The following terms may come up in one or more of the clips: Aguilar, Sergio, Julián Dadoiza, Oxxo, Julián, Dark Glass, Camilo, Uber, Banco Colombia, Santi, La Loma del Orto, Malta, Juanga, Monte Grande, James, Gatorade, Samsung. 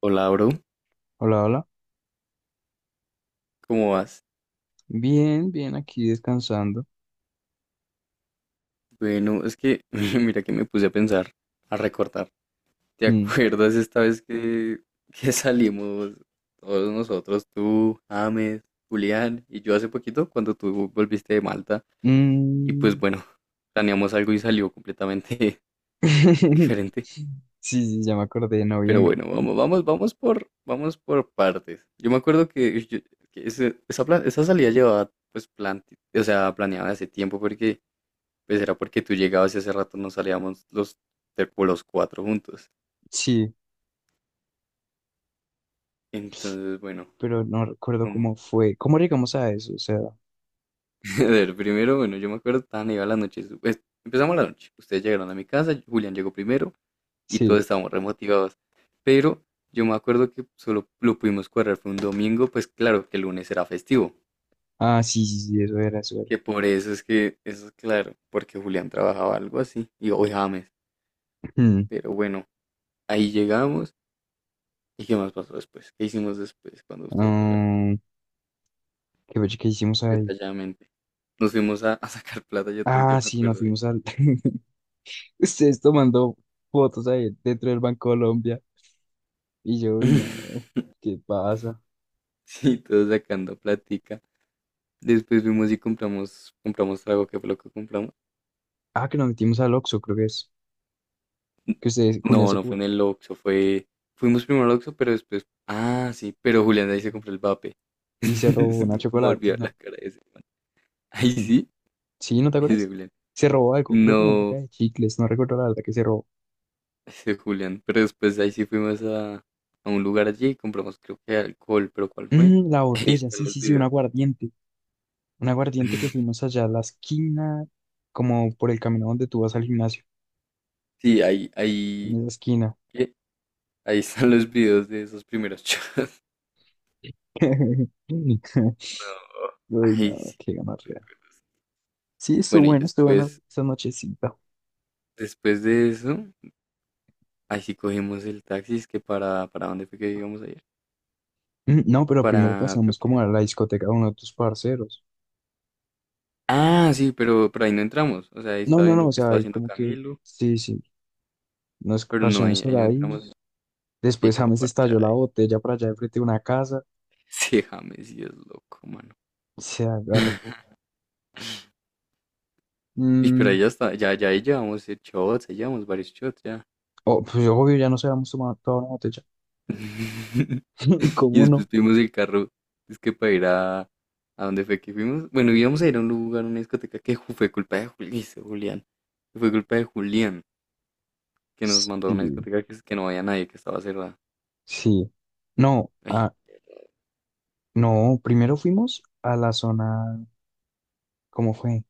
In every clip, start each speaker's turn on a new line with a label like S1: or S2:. S1: Hola, bro,
S2: Hola, hola.
S1: ¿cómo vas?
S2: Bien, bien, aquí descansando.
S1: Bueno, es que mira que me puse a pensar, a recordar. ¿Te
S2: Mm,
S1: acuerdas esta vez que salimos todos nosotros, tú, James, Julián y yo hace poquito cuando tú volviste de Malta? Y pues
S2: mm.
S1: bueno, planeamos algo y salió completamente
S2: Sí,
S1: diferente.
S2: sí, ya me acordé de
S1: Pero
S2: noviembre.
S1: bueno, vamos por partes. Yo me acuerdo que esa salida llevaba pues plan, o sea, planeada hace tiempo porque pues era porque tú llegabas y hace rato no salíamos como los cuatro juntos.
S2: Sí,
S1: Entonces, bueno,
S2: pero no recuerdo
S1: como,
S2: cómo fue. ¿Cómo llegamos a eso? O sea,
S1: a ver, primero, bueno, yo me acuerdo, estaban iba la noche, su- pues, empezamos la noche, ustedes llegaron a mi casa, Julián llegó primero y
S2: sí.
S1: todos estábamos remotivados. Pero yo me acuerdo que solo lo pudimos cuadrar, fue un domingo, pues claro que el lunes era festivo,
S2: Ah, sí, sí, sí, eso era, eso era.
S1: que por eso es que, eso es claro, porque Julián trabajaba algo así, y hoy James,
S2: Mm,
S1: pero bueno, ahí llegamos. ¿Y qué más pasó después? ¿Qué hicimos después cuando ustedes llegaron?
S2: ah, ¿qué, fue que hicimos ahí?
S1: Detalladamente. Nos fuimos a sacar plata, yo
S2: Ah,
S1: me
S2: sí, nos
S1: acuerdo de ahí.
S2: fuimos al... Ustedes tomando fotos ahí dentro del Banco Colombia. Y yo, uy, no, ¿qué pasa?
S1: Sí, todos sacando platica. Después fuimos y compramos trago. ¿Qué fue lo que compramos?
S2: Ah, que nos metimos al Oxxo, creo que es. Que ustedes,
S1: No, no fue en el Oxxo, fue... Fuimos primero al Oxxo, pero después... Ah, sí, pero Julián ahí se compró el vape.
S2: y se robó una
S1: Como olvidar
S2: chocolatina.
S1: la cara de ese. Ahí sí,
S2: ¿Sí? ¿No te
S1: ese
S2: acuerdas?
S1: Julián.
S2: Se robó algo, creo que una
S1: No,
S2: caja de chicles, no recuerdo la verdad que se robó.
S1: ese Julián. Pero después ahí sí fuimos a un lugar allí y compramos creo que alcohol, pero ¿cuál fue?
S2: Mm, la
S1: Ahí
S2: botella,
S1: están
S2: sí,
S1: los
S2: sí, sí, un
S1: videos.
S2: aguardiente. Un aguardiente que fuimos allá a la esquina, como por el camino donde tú vas al gimnasio,
S1: Sí,
S2: en
S1: ahí.
S2: esa esquina.
S1: Ahí están los videos de esos primeros shows. No.
S2: Uy,
S1: Ahí
S2: no,
S1: sí.
S2: qué gonorrea. Sí, estuvo
S1: Bueno, y
S2: bueno, estuvo buena
S1: después,
S2: esa nochecita.
S1: después de eso, ahí sí cogimos el taxi. Es que para dónde fue que íbamos ayer.
S2: Mm, no, pero primero
S1: Para, creo
S2: pasamos
S1: que...
S2: como a la discoteca de uno de tus parceros.
S1: Ah, sí, pero ahí no entramos. O sea, ahí
S2: No,
S1: estaba
S2: no, no,
S1: viendo
S2: o
S1: que
S2: sea,
S1: estaba
S2: ahí
S1: haciendo
S2: como que,
S1: Camilo,
S2: sí, sí, nos
S1: pero no,
S2: parchamos
S1: ahí
S2: por
S1: no
S2: ahí.
S1: entramos. Sí,
S2: Después
S1: como
S2: James
S1: parchar
S2: estalló la
S1: ahí.
S2: botella por allá de frente de una casa.
S1: Sí, James sí es loco, mano.
S2: Se agarra.
S1: Y pero
S2: Mm,
S1: ahí ya está, ya ahí llevamos shots, ahí llevamos varios shots ya.
S2: oh, pues obvio, ya no se habíamos tomado toda una botella.
S1: Y
S2: ¿Cómo no?
S1: después tuvimos el carro, es que para ir a dónde fue que fuimos. Bueno, íbamos a ir a un lugar, a una discoteca que fue culpa de ese Julián. Que fue culpa de Julián que nos mandó a una
S2: Sí,
S1: discoteca que no había nadie, que estaba cerrada.
S2: sí. No,
S1: Ay,
S2: ah, no, primero fuimos a la zona. ¿Cómo fue?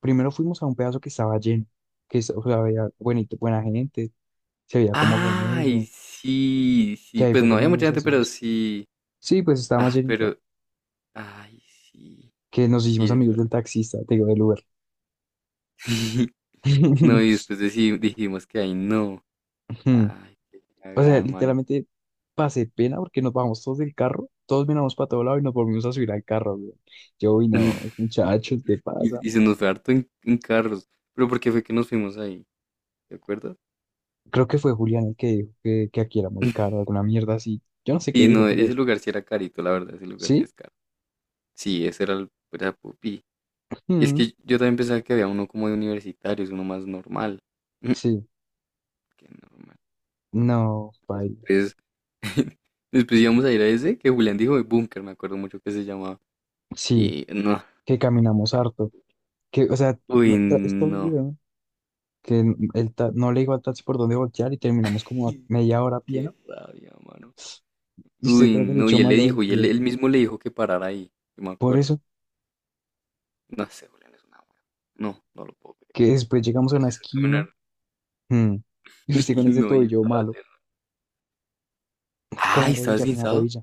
S2: Primero fuimos a un pedazo que estaba lleno, o sea, había buenito, buena gente, se veía como
S1: ay,
S2: gomelo,
S1: sí,
S2: que
S1: sí.
S2: ahí
S1: Pues
S2: fue
S1: no había
S2: cuando
S1: mucha
S2: nos
S1: gente, pero
S2: hicimos.
S1: sí.
S2: Sí, pues estaba más
S1: Ah,
S2: llenito,
S1: pero, ay, sí,
S2: que nos hicimos
S1: sí, es
S2: amigos
S1: verdad.
S2: del taxista, te digo, del Uber.
S1: No, y después dijimos que ahí no. Ay, qué
S2: O sea,
S1: cagada, mano.
S2: literalmente pasé pena porque nos bajamos todos del carro, todos miramos para todo lado y nos volvimos a subir al carro, güey. Yo, uy, no, muchachos, ¿qué pasa?
S1: Y, y se nos fue harto en carros. Pero porque fue que nos fuimos ahí, ¿te acuerdas?
S2: Creo que fue Julián el que dijo que aquí era muy caro, alguna mierda así. Yo no sé qué
S1: Y
S2: dijo,
S1: no,
S2: pero
S1: ese lugar sí era carito, la verdad, ese lugar sí
S2: sí.
S1: es caro. Sí, ese era el era pupi. Y es
S2: Mm,
S1: que yo también pensaba que había uno como de universitarios, uno más normal.
S2: sí,
S1: Qué normal.
S2: no, paila.
S1: Entonces, después íbamos a ir a ese que Julián dijo de búnker, me acuerdo mucho que se llamaba.
S2: Sí,
S1: Y no,
S2: que caminamos
S1: fue-
S2: harto. Que, o sea, no,
S1: uy,
S2: esto,
S1: no.
S2: güey, que no le digo al taxi por dónde voltear y terminamos como a media hora a pie,
S1: Qué
S2: ¿no?
S1: rabia, mano.
S2: Y se
S1: Uy,
S2: trata del
S1: no,
S2: hecho
S1: y él le
S2: malo del
S1: dijo, y
S2: pie.
S1: él mismo le dijo que parara ahí, yo me
S2: Por
S1: acuerdo.
S2: eso,
S1: No sé, Julián, es una wea. No, no lo puedo creer.
S2: que después llegamos a
S1: Nos
S2: una
S1: hizo caminar.
S2: esquina. Mm. Y usted con
S1: Y
S2: ese
S1: no, y
S2: tobillo
S1: estaba
S2: malo,
S1: haciendo.
S2: con la
S1: Ay, ¿estabas
S2: rodilla, con la
S1: guinzado?
S2: rodilla.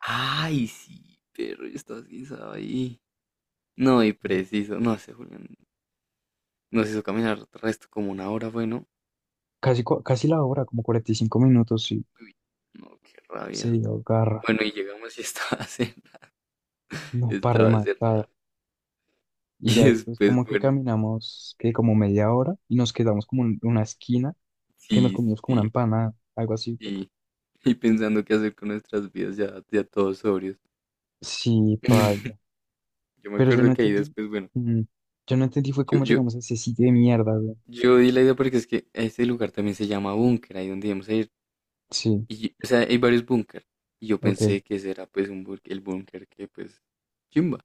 S1: Ay, sí, perro, yo estaba guinzado ahí. No, y preciso. No sé, Julián. Nos hizo caminar resto como una hora, bueno.
S2: Casi la hora, como 45 minutos, sí
S1: No, qué
S2: se
S1: rabia.
S2: agarra,
S1: Bueno, y llegamos y estaba cerrado.
S2: no para
S1: Estaba
S2: rematar.
S1: cerrado.
S2: Y ya
S1: Y
S2: después
S1: después,
S2: como que
S1: bueno,
S2: caminamos, que como media hora, y nos quedamos como en una esquina, que nos
S1: sí,
S2: comimos como una
S1: sí,
S2: empanada, algo así.
S1: sí. Y pensando qué hacer con nuestras vidas ya, ya todos sobrios.
S2: Sí, paila.
S1: Yo me
S2: Pero yo no
S1: acuerdo que ahí
S2: entendí,
S1: después, bueno,
S2: mm, yo no entendí fue
S1: yo,
S2: cómo
S1: yo,
S2: llegamos a ese sitio de mierda, güey.
S1: yo di la idea porque es que este lugar también se llama búnker, ahí donde íbamos a ir.
S2: Sí,
S1: Y o sea, hay varios búnker. Y yo
S2: ok,
S1: pensé que ese era pues un búnker, el búnker que pues chimba,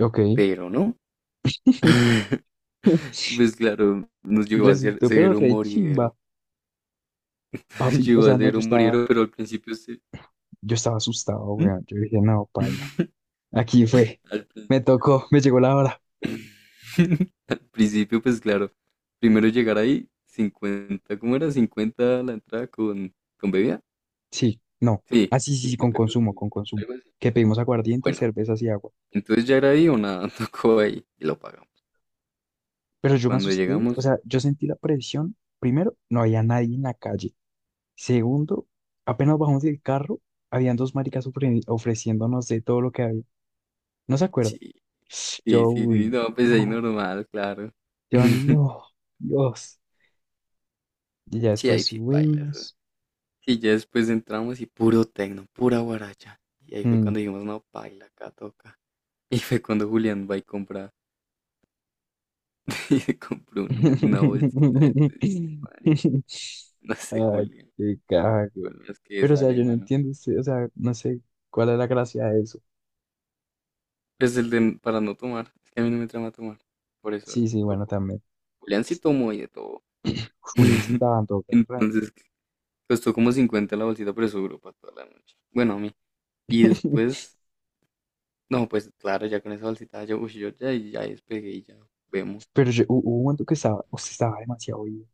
S2: ok.
S1: pero no. Pues claro, nos llevó a
S2: Resultó, pero
S1: ser un
S2: re
S1: moridero.
S2: chimba, papi. O
S1: Nos
S2: sea,
S1: a
S2: no,
S1: ser
S2: yo
S1: un
S2: estaba
S1: moridero, pero al principio se...
S2: Yo estaba asustado,
S1: ¿Mm?
S2: weón. Yo dije, no, paila. Aquí fue.
S1: Al, prin-
S2: Me tocó, me llegó la hora.
S1: al principio pues claro, primero llegar ahí, 50 ¿cómo era? Cincuenta la entrada con bebida.
S2: Sí, no.
S1: Sí,
S2: Ah, sí, sí, sí, con
S1: 50
S2: consumo,
S1: con
S2: con consumo.
S1: algo así.
S2: Que pedimos aguardiente,
S1: Bueno,
S2: cervezas y agua.
S1: entonces ya era ahí o nada, tocó ahí y lo pagamos.
S2: Pero yo me
S1: Cuando
S2: asusté, o
S1: llegamos,
S2: sea, yo sentí la presión. Primero, no había nadie en la calle. Segundo, apenas bajamos del carro, habían dos maricas ofreciéndonos de todo lo que había. No se acuerda.
S1: sí, sí,
S2: Yo,
S1: sí, sí,
S2: uy,
S1: no, pues ahí
S2: no,
S1: normal, claro.
S2: yo no, Dios. Y ya
S1: Sí,
S2: después
S1: ahí sí baila eso.
S2: subimos.
S1: Y ya después entramos y puro tecno, pura guaracha. Y ahí fue
S2: Mm.
S1: cuando dijimos, no, baila, acá toca. Y fue cuando Julián va y compra, y se compró una bolsita de tuyo, marica. No sé,
S2: Ay,
S1: Julián,
S2: qué caja, güey.
S1: con las que
S2: Pero, o sea,
S1: sale,
S2: yo no
S1: mano.
S2: entiendo, sí, o sea, no sé cuál es la gracia de eso.
S1: Es el de para no tomar, es que a mí no me trama tomar, por eso
S2: Sí, sí, bueno,
S1: tocó.
S2: también.
S1: Julián sí tomó y de todo.
S2: Julián se estaba dando garra.
S1: Entonces, costó como 50 la bolsita, pero eso duró para toda la noche. Bueno, a mí. Y después, no, pues claro, ya con esa bolsita, yo, uy, ya despegué y ya vemos.
S2: Pero yo, hubo un momento que estaba, o sea, estaba demasiado ido.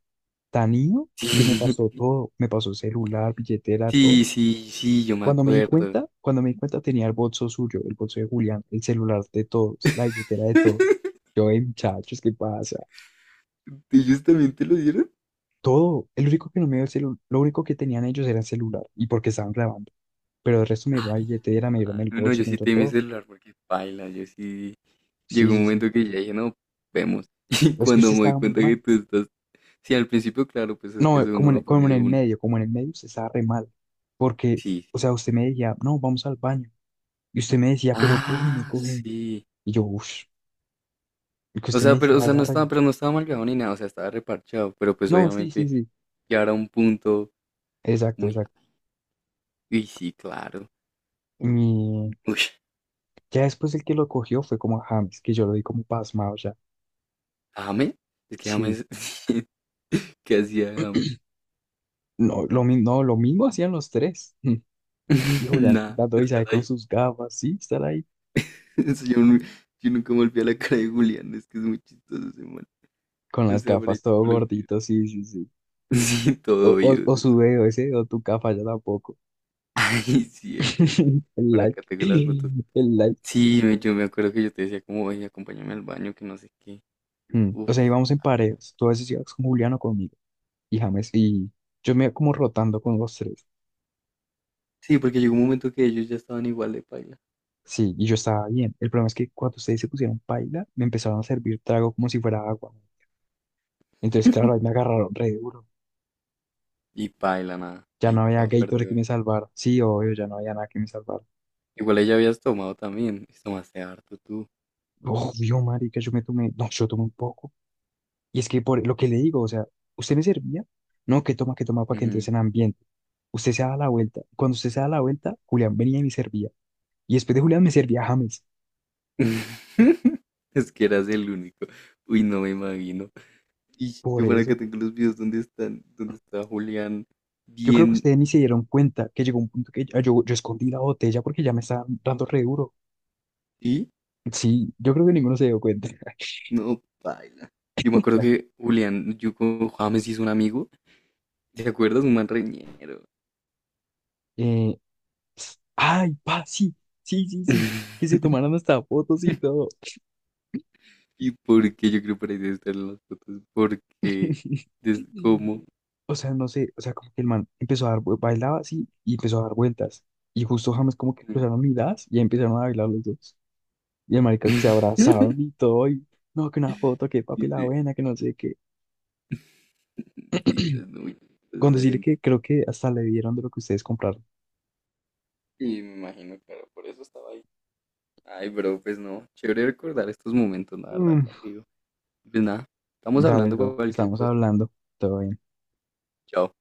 S2: Tan ido que me pasó todo. Me pasó celular, billetera,
S1: Sí,
S2: todo.
S1: sí, sí, sí, yo me
S2: Cuando me di
S1: acuerdo.
S2: cuenta, cuando me di cuenta tenía el bolso suyo, el bolso de Julián, el celular de todos, la billetera de todos. Yo, "Ey, muchachos, ¿qué pasa?
S1: ¿Ellos también te lo dieron?
S2: Todo, el único que no me dio el celular, lo único que tenían ellos era el celular y porque estaban grabando. Pero el resto me dieron la
S1: Ay,
S2: billetera, me
S1: mano.
S2: dieron el
S1: No,
S2: bolso,
S1: yo
S2: me
S1: sí
S2: dieron
S1: te di mi
S2: todo.
S1: celular porque paila, yo sí.
S2: Sí,
S1: Llegó un
S2: sí, sí.
S1: momento que ya dije, no, vemos. Y
S2: Es que
S1: cuando
S2: usted
S1: me doy
S2: estaba muy
S1: cuenta que
S2: mal.
S1: tú estás. Sí, al principio, claro, pues es
S2: No,
S1: que eso
S2: como
S1: uno
S2: en,
S1: lo pone
S2: como en
S1: de
S2: el
S1: una.
S2: medio, como en el medio usted estaba re mal. Porque,
S1: Sí,
S2: o
S1: sí.
S2: sea, usted me decía, no, vamos al baño. Y usted me decía, pero cógeme,
S1: Ah,
S2: cógeme.
S1: sí.
S2: Y yo, uff. Y que
S1: O
S2: usted me
S1: sea, pero, o
S2: decía,
S1: sea, no estaba,
S2: agárrame.
S1: pero no estaba marcado ni nada, o sea, estaba reparchado, pero pues
S2: No, sí, sí,
S1: obviamente
S2: sí.
S1: ya era un punto
S2: Exacto,
S1: muy...
S2: exacto.
S1: Uy, sí, claro.
S2: Y
S1: Uy,
S2: ya después el que lo cogió fue como a James, que yo lo vi como pasmado ya.
S1: James, es que
S2: Sí.
S1: James, ¿qué hacía James?
S2: No, no, lo mismo hacían los tres. Y Julián
S1: Nada,
S2: Dadoiza ahí
S1: estar
S2: con
S1: ahí.
S2: sus gafas, sí, estar ahí
S1: Eso. Yo nunca me olvidé la cara de Julián, es que es muy chistoso ese man.
S2: con
S1: O
S2: las
S1: sea, por ahí
S2: gafas todo
S1: tengo los videos.
S2: gordito, sí, sí, sí.
S1: Sí, todo oído
S2: O
S1: ese
S2: su
S1: man.
S2: dedo ese, o tu gafa ya tampoco.
S1: Ay, sí, el dedito.
S2: El
S1: Por acá
S2: like,
S1: tengo las fotos.
S2: el like.
S1: Yo me acuerdo que yo te decía como, oye, acompáñame al baño, que no sé qué.
S2: Mm, o
S1: Uf.
S2: sea, íbamos en parejas. Tú a veces ibas con Julián o conmigo. Y James, y yo me iba como rotando con los tres.
S1: Sí, porque llegó un momento que ellos ya estaban igual de paila.
S2: Sí, y yo estaba bien. El problema es que cuando ustedes se pusieron paila, me empezaron a servir trago como si fuera agua. Entonces, claro, ahí me agarraron re duro.
S1: Y paila, nada.
S2: Ya
S1: Ay,
S2: no había
S1: chao,
S2: Gatorade que
S1: perdedor.
S2: me salvara. Sí, obvio, ya no había nada que me salvara.
S1: Igual ella habías tomado también. Y tomaste harto tú.
S2: Obvio, marica, yo me tomé, no, yo tomé un poco. Y es que por lo que le digo, o sea, usted me servía, no, que toma para que entres
S1: Ujú.
S2: en ambiente. Usted se da la vuelta. Cuando usted se da la vuelta, Julián venía y me servía. Y después de Julián me servía James.
S1: Es que eras el único. Uy, no me imagino. Y
S2: Por
S1: yo para que
S2: eso.
S1: tengo los videos donde están, donde está Julián
S2: Yo creo que
S1: bien.
S2: ustedes ni se dieron cuenta que llegó un punto que yo escondí la botella porque ya me estaba dando re duro.
S1: ¿Y?
S2: Sí, yo creo que ninguno se dio cuenta.
S1: No, paila. Yo me acuerdo que Julián, yo con James hizo un amigo. ¿Te acuerdas? Un man reñero.
S2: Eh, ay, pa, sí, sí, sí, sí. Que se tomaron hasta fotos y todo.
S1: ¿Y por qué yo creo por ahí debe estar en las fotos? Porque es como...
S2: O sea, no sé, o sea, como que el man empezó a dar, bailaba así y empezó a dar vueltas. Y justo James como que cruzaron miradas y ahí empezaron a bailar los dos. Y el marica se abrazaron y todo, y no, que una foto, que papi la
S1: Dice,
S2: buena, que no sé qué.
S1: dice, es muy
S2: Con
S1: esa
S2: decirle
S1: gente.
S2: que creo que hasta le dieron de lo que ustedes compraron.
S1: Y me imagino, claro, por eso estaba ahí. Ay, pero pues no, chévere recordar estos momentos, la verdad,
S2: Mm,
S1: contigo. Pues nada, estamos
S2: dale,
S1: hablando
S2: bro,
S1: cualquier
S2: estamos
S1: cosa.
S2: hablando, todo bien.
S1: Chao.